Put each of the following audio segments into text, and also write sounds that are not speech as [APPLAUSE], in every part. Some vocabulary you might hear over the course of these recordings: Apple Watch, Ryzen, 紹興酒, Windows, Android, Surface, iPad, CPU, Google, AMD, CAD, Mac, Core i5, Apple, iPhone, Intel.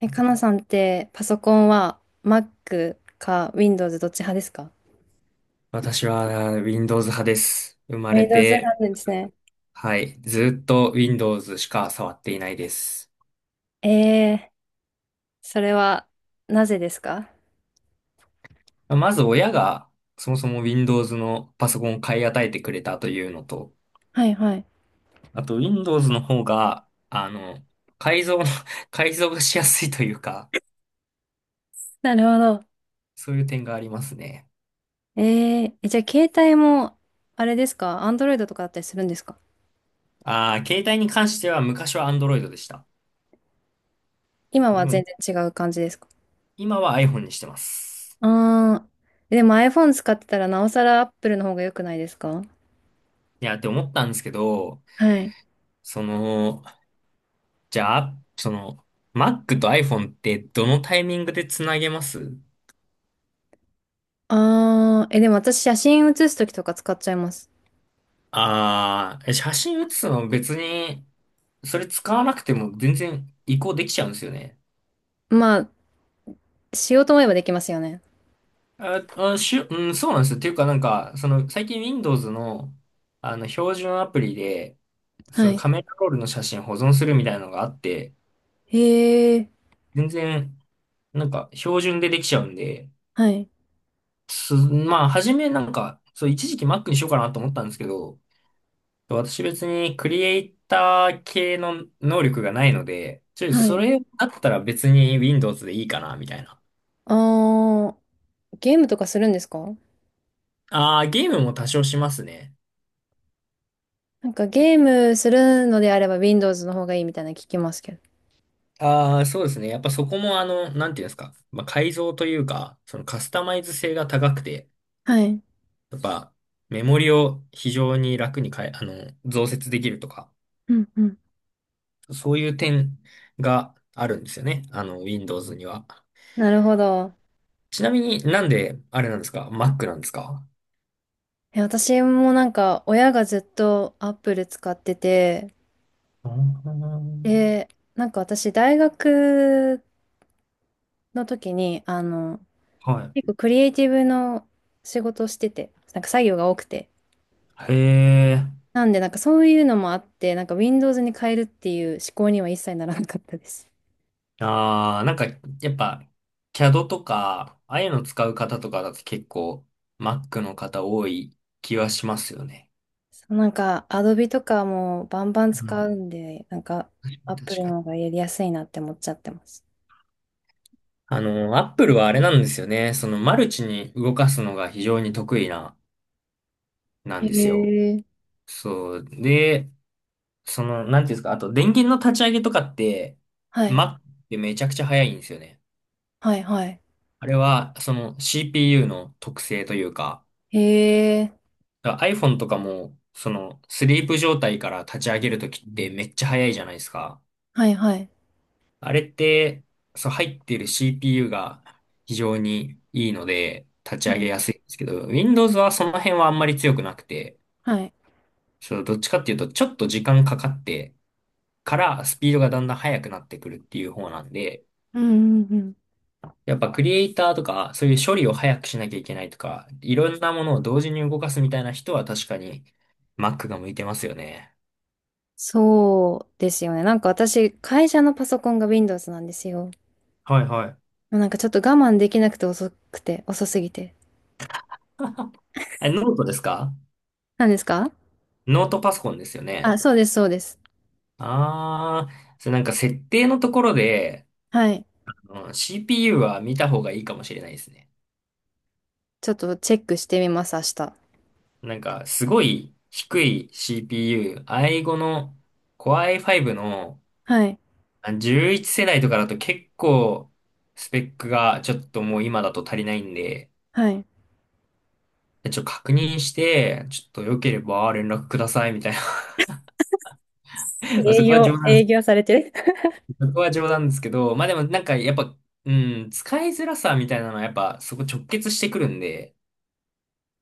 え、かなさんってパソコンは Mac か Windows どっち派ですか？ 私は Windows 派です。生まれ Windows て、派なんですね。はい、ずっと Windows しか触っていないです。ええ、それはなぜですか？まず親がそもそも Windows のパソコンを買い与えてくれたというのと、はいはい。あと Windows の方が、改造の [LAUGHS] 改造がしやすいというか、なるほど。そういう点がありますね。え、じゃあ携帯もあれですか Android とかだったりするんですか？ああ、携帯に関しては昔は Android でした。今では全も然違う感じですか？今は iPhone にしてます。ああー、でも iPhone 使ってたらなおさら Apple の方が良くないですか？いや、って思ったんですけど、はい。その、じゃあ、その、Mac と iPhone ってどのタイミングでつなげます？ああ、え、でも私写真写すときとか使っちゃいます。ああー、写真写すの別に、それ使わなくても全然移行できちゃうんですよね。まあ、しようと思えばできますよね。うん、そうなんですよ。っていうかなんか、最近 Windows の、標準アプリで、そはのい。カメラロールの写真保存するみたいなのがあって、へえ。全然、なんか、標準でできちゃうんで、はい。まあ、初めなんか、そう、一時期 Mac にしようかなと思ったんですけど、私別にクリエイター系の能力がないので、はそい。れだったら別に Windows でいいかな、みたいな。あー、ゲームとかするんですか？ああ、ゲームも多少しますね。なんかゲームするのであれば Windows の方がいいみたいなの聞きますけど。ああ、そうですね。やっぱそこもなんていうんですか。まあ、改造というか、そのカスタマイズ性が高くて、はい。やっぱメモリを非常に楽に変え、あの、増設できるとか、うんうん。そういう点があるんですよね。Windows には。なるほど。ちなみになんであれなんですか？ Mac なんですか？え、私もなんか親がずっと Apple 使ってて、あー、で、なんか私大学の時に、は結い。構クリエイティブの仕事をしてて、なんか作業が多くて。へえ。なんでなんかそういうのもあって、なんか Windows に変えるっていう思考には一切ならなかったです。ああ、なんか、やっぱ、CAD とか、ああいうの使う方とかだと結構、Mac の方多い気はしますよね。そうなんか、アドビとかもバンバンうん、使うんで、なんか、確アップルかの方に。がやりやすいなって思っちゃってます。Apple はあれなんですよね。マルチに動かすのが非常に得意な、なへんですよ。え。そう。で、なんていうんですか、あと、電源の立ち上げとかって、はい。Mac ってめちゃくちゃ早いんですよね。はい、はい。あれは、CPU の特性というか、へえ。だから iPhone とかも、スリープ状態から立ち上げるときってめっちゃ早いじゃないですか。はい、はい。あれって、そう、入っている CPU が非常にいいので、立ちは上げい。やすいんですけど、Windows はその辺はあんまり強くなくて、はい。そう、どっちかっていうと、ちょっと時間かかってからスピードがだんだん速くなってくるっていう方なんで、うん、うん、うん。やっぱクリエイターとか、そういう処理を早くしなきゃいけないとか、いろんなものを同時に動かすみたいな人は確かに Mac が向いてますよね。そうですよね。なんか私、会社のパソコンが Windows なんですよ。はいはい。なんかちょっと我慢できなくて遅くて、遅すぎて。え、ノートですか？何ですか？ノートパソコンですよあ、ね？そうです、そうです。ああ、それなんか設定のところで、はい。うん、 CPU は見た方がいいかもしれないですね。ちょっとチェックしてみます、明日。なんかすごい低い CPU、i5 の Core i5 のはい。11世代とかだと結構スペックがちょっともう今だと足りないんで、はい。ちょっと確認して、ちょっと良ければ連絡くださいみたいな。[LAUGHS] まあ営業、営業されてる。[LAUGHS] そこは冗談ですけど、まあでもなんかやっぱ、う使いづらさみたいなのはやっぱそこ直結してくるんで、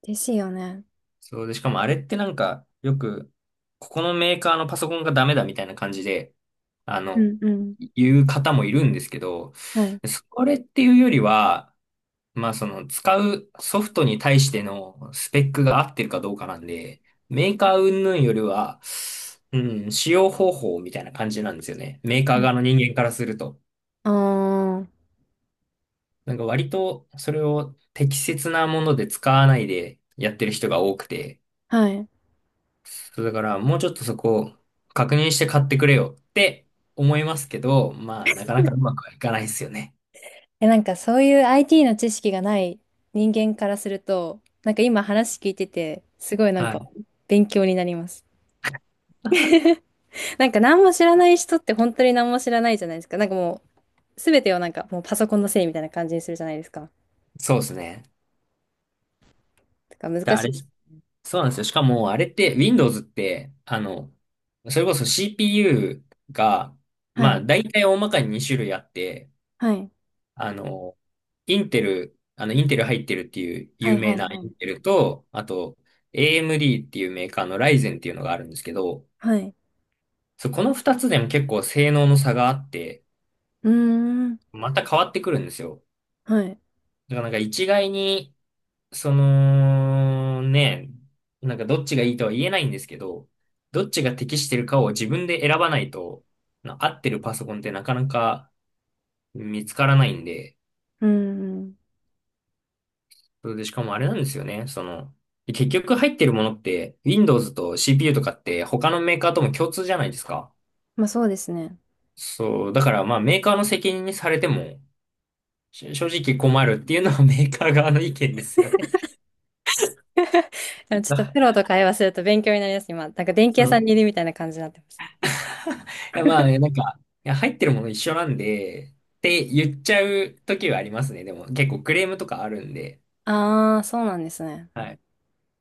ですよね。そうで、しかもあれってなんかよく、ここのメーカーのパソコンがダメだみたいな感じで、あうの、んうん。言う方もいるんですけど、はい。それっていうよりは、まあその使うソフトに対してのスペックが合ってるかどうかなんで、メーカー云々よりは、う使用方法みたいな感じなんですよね。メーカーはい。側の人間からすると。ああ、なんか割とそれを適切なもので使わないでやってる人が多くて、はい。そうだからもうちょっとそこを確認して買ってくれよって思いますけど、まあなかなかうまくはいかないですよね。え、なんかそういう IT の知識がない人間からすると、なんか今話聞いてて、すごいなんはかい。勉強になります。なんか何も知らない人って本当に何も知らないじゃないですか。なんかもう全てをなんかもうパソコンのせいみたいな感じにするじゃないですか。そうですね。だからで、難しいです。そうなんですよ。しかもあれって Windows って、それこそ CPU が、はまあい。大体大まかに2種類あって、はい。あの、インテル入ってるっていうは有いは名いなはイい。ンテルと、あと、AMD っていうメーカーのライゼンっていうのがあるんですけど、はい。そう、この二つでも結構性能の差があって、うーん。また変わってくるんですよ。はい。だからなんか一概に、その、ね、なんかどっちがいいとは言えないんですけど、どっちが適してるかを自分で選ばないと、合ってるパソコンってなかなか見つからないんで、うーん。そうで、しかもあれなんですよね。結局入ってるものって、Windows と CPU とかって他のメーカーとも共通じゃないですか。まあそうですね。そう、だからまあメーカーの責任にされても、正直困るっていうのは [LAUGHS] メーカー側の意見ですよね。[LAUGHS] ちょっ [LAUGHS] とあプロと会話すると勉強になります、今。なんか電気屋さんにいいるみたいな感じになってます。やまあねなんか、いや入ってるもの一緒なんで、って言っちゃう時はありますね。でも結構クレームとかあるんで、ああ、そうなんですね。はい。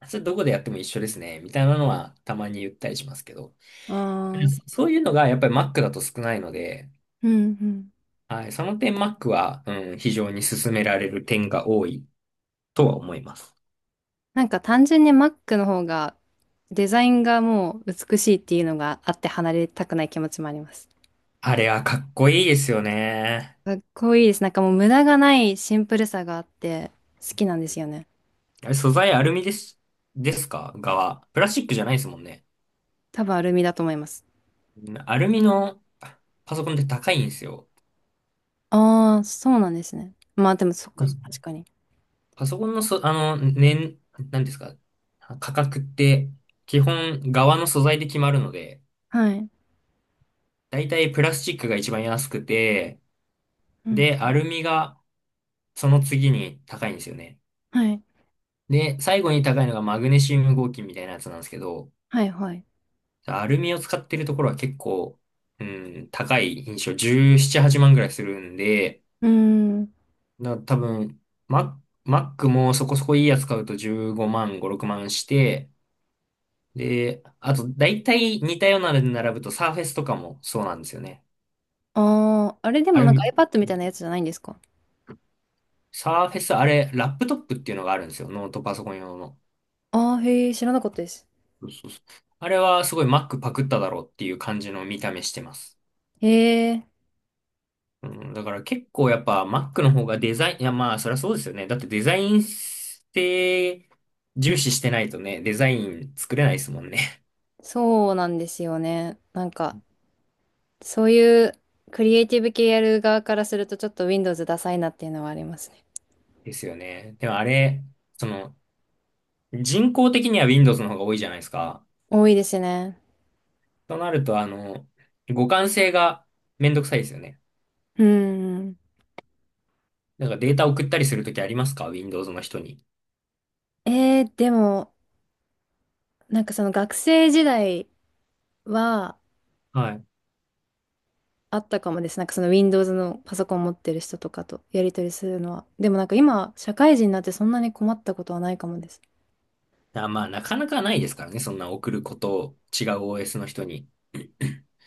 それどこでやっても一緒ですね、みたいなのはたまに言ったりしますけど。ああ、うんそういうのがやっぱり Mac だと少ないので、うん。はい。その点、Mac は、非常に勧められる点が多いとは思います。なんか単純に Mac の方がデザインがもう美しいっていうのがあって離れたくない気持ちもあります。あれはかっこいいですよね。かっこいいです。なんかもう無駄がないシンプルさがあって好きなんですよね。あれ素材アルミですか側。プラスチックじゃないですもんね。多分アルミだと思います。うん、アルミのパソコンって高いんですよ。ああ、そうなんですね。まあでもそっうか、ん。確かに。パソコンのそ、あの、年、なんですか、価格って、基本、側の素材で決まるので、はい。だいたいプラスチックが一番安くて、うん。で、アルミがその次に高いんですよね。はい。で、最後に高いのがマグネシウム合金みたいなやつなんですけど、はいはい。アルミを使ってるところは結構、うん、高い印象17、8万ぐらいするんで、うーん。だから多分、マックもそこそこいいやつ買うと15万、5、6万して、で、あと、大体似たようなので並ぶとサーフェスとかもそうなんですよね。ああ、あれでアもルなんか ミ、iPad みたいなやつじゃないんですか？サーフェス、あれ、ラップトップっていうのがあるんですよ。ノートパソコン用の。ああー、へえ、知らなかったです。そうそうそう、あれはすごい Mac パクっただろうっていう感じの見た目してます。へえ、うん、だから結構やっぱ Mac の方がデザイン、いやまあそりゃそうですよね。だってデザインって重視してないとね、デザイン作れないですもんね。そうなんですよね。なんか、そういうクリエイティブ系やる側からするとちょっと Windows ダサいなっていうのはありますね。[LAUGHS] ですよね。でもあれ、その人工的には Windows の方が多いじゃないですか。多いですね。となると互換性がめんどくさいですよね。うん。なんかデータ送ったりするときありますか？ Windows の人に。でも、なんかその学生時代ははい。あったかもです。なんかその Windows のパソコン持ってる人とかとやり取りするのは。でもなんか今、社会人になってそんなに困ったことはないかもです。だからまあなかなかないですからね。そんな送ることを違う OS の人に。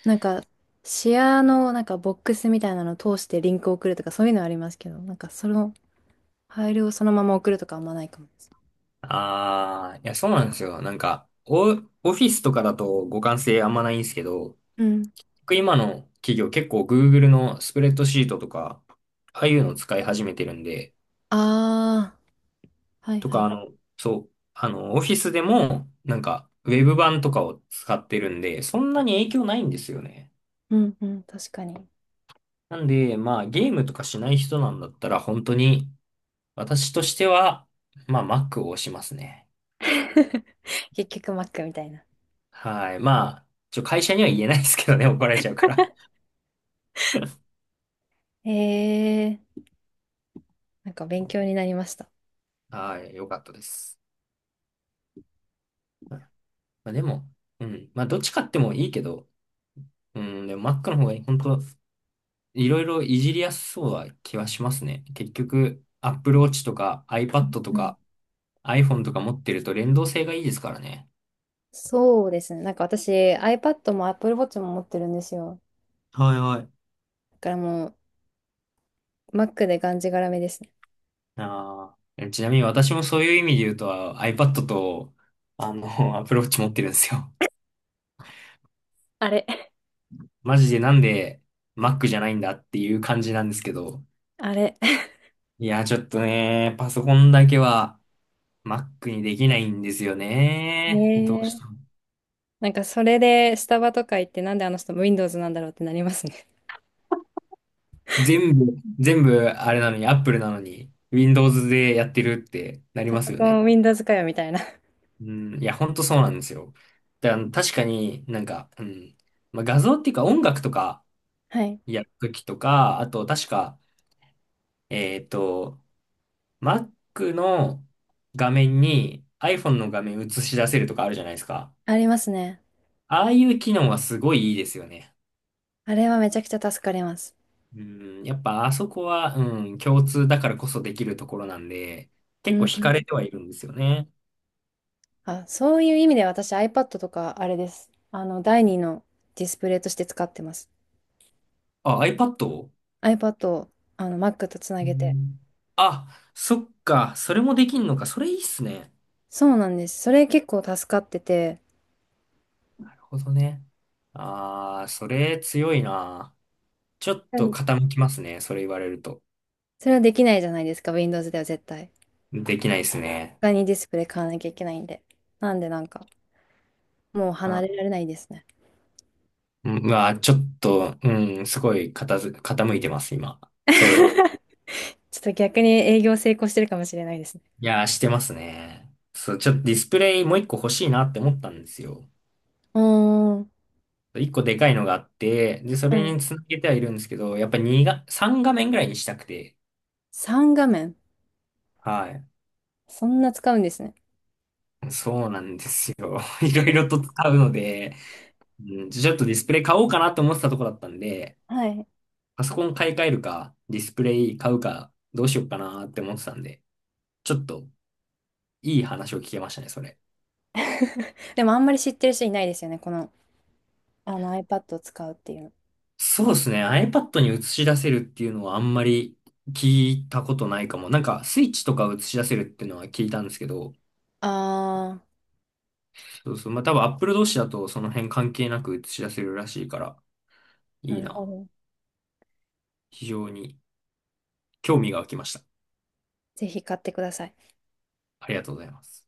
なんか、シェアのなんかボックスみたいなのを通してリンクを送るとかそういうのはありますけど、なんかそのファイルをそのまま送るとかあんまないかもです。ああ、いや、そうなんですよ。なんか、オフィスとかだと互換性あんまないんですけど、うん。僕今の企業結構 Google のスプレッドシートとか、ああいうのを使い始めてるんで、ああ、はいとはか、い。そう、オフィスでも、なんか、ウェブ版とかを使ってるんで、そんなに影響ないんですよね。うんうん、確かに。なんで、まあ、ゲームとかしない人なんだったら、本当に、私としては、まあ、Mac を押しますね。[LAUGHS] 結局 Mac みたいな。はい。まあ、会社には言えないですけどね、怒られちゃうから。へえー、なんか勉強になりました。はい、よかったです。までも、うん。まあ、どっち買ってもいいけど、うん、でも Mac の方が本当いろいろいじりやすそうな気はしますね。結局、Apple Watch とか iPad とうん、か iPhone とか持ってると連動性がいいですからね。そうですね。なんか私 iPad も Apple Watch も持ってるんですよ。はいはい。だからもう Mac でがんじがらめですね。ああ、ちなみに私もそういう意味で言うと iPad と、[LAUGHS] Apple Watch 持ってるんですよ。あれ。マジでなんで Mac じゃないんだっていう感じなんですけど。あれ。いや、ちょっとね、パソコンだけは Mac にできないんですよね。ねどうしえ。たの？なんかそれでスタバとか行ってなんであの人 Windows なんだろうってなりますね。全部、全部あれなのに、Apple なのに、Windows でやってるってな [LAUGHS] りパソますよコね。ン Windows かよみたいな。うん、いや、ほんとそうなんですよ。だから確かになんか、うん、まあ、画像っていうか音楽とかはい。やるときとか、あと確か、えっと、Mac の画面に iPhone の画面映し出せるとかあるじゃないですか。ありますね。ああいう機能はすごいいいですよね。あれはめちゃくちゃ助かります。うん、やっぱあそこは、うん、共通だからこそできるところなんで、う結構んう惹かん。れてはいるんですよね。あ、そういう意味で私 iPad とかあれです。第二のディスプレイとして使ってます。あ、iPad? iPad をあの Mac とつなうげて。ん、あ、そっか、それもできんのか、それいいっすね。そうなんです。それ結構助かってて、なるほどね。あー、それ強いな。ちょっうとん、傾きますね、それ言われると。それはできないじゃないですか、Windows では絶対。できないですね。他にディスプレイ買わなきゃいけないんで。なんでなんか、もう離あ、れられないですね。うん、うわ、ちょっと、うん、すごい傾いてます、今。[LAUGHS] それ。ちょっと逆に営業成功してるかもしれないですね。いやー、してますね。そう、ちょっとディスプレイもう一個欲しいなって思ったんですよ。うーん。一個でかいのがあって、で、そはれい。につなげてはいるんですけど、やっぱ2が、3画面ぐらいにしたくて、3画面。はい。そんな使うんですね。そうなんですよ。[LAUGHS] いろいろと使うので、うん、ちょっとディスプレイ買おうかなと思ってたとこだったんで、[LAUGHS] はい。パソコン買い替えるか、ディスプレイ買うか、どうしようかなって思ってたんで、ちょっといい話を聞けましたね、それ。[LAUGHS] でもあんまり知ってる人いないですよね。この、あの iPad を使うっていうの。そうですね。iPad に映し出せるっていうのはあんまり聞いたことないかも。なんか、スイッチとか映し出せるっていうのは聞いたんですけど、あそうそう。まあ、多分 Apple 同士だとその辺関係なく映し出せるらしいから、あ、いないるほな。ど。非常に興味が湧きました。ぜひ買ってください。ありがとうございます。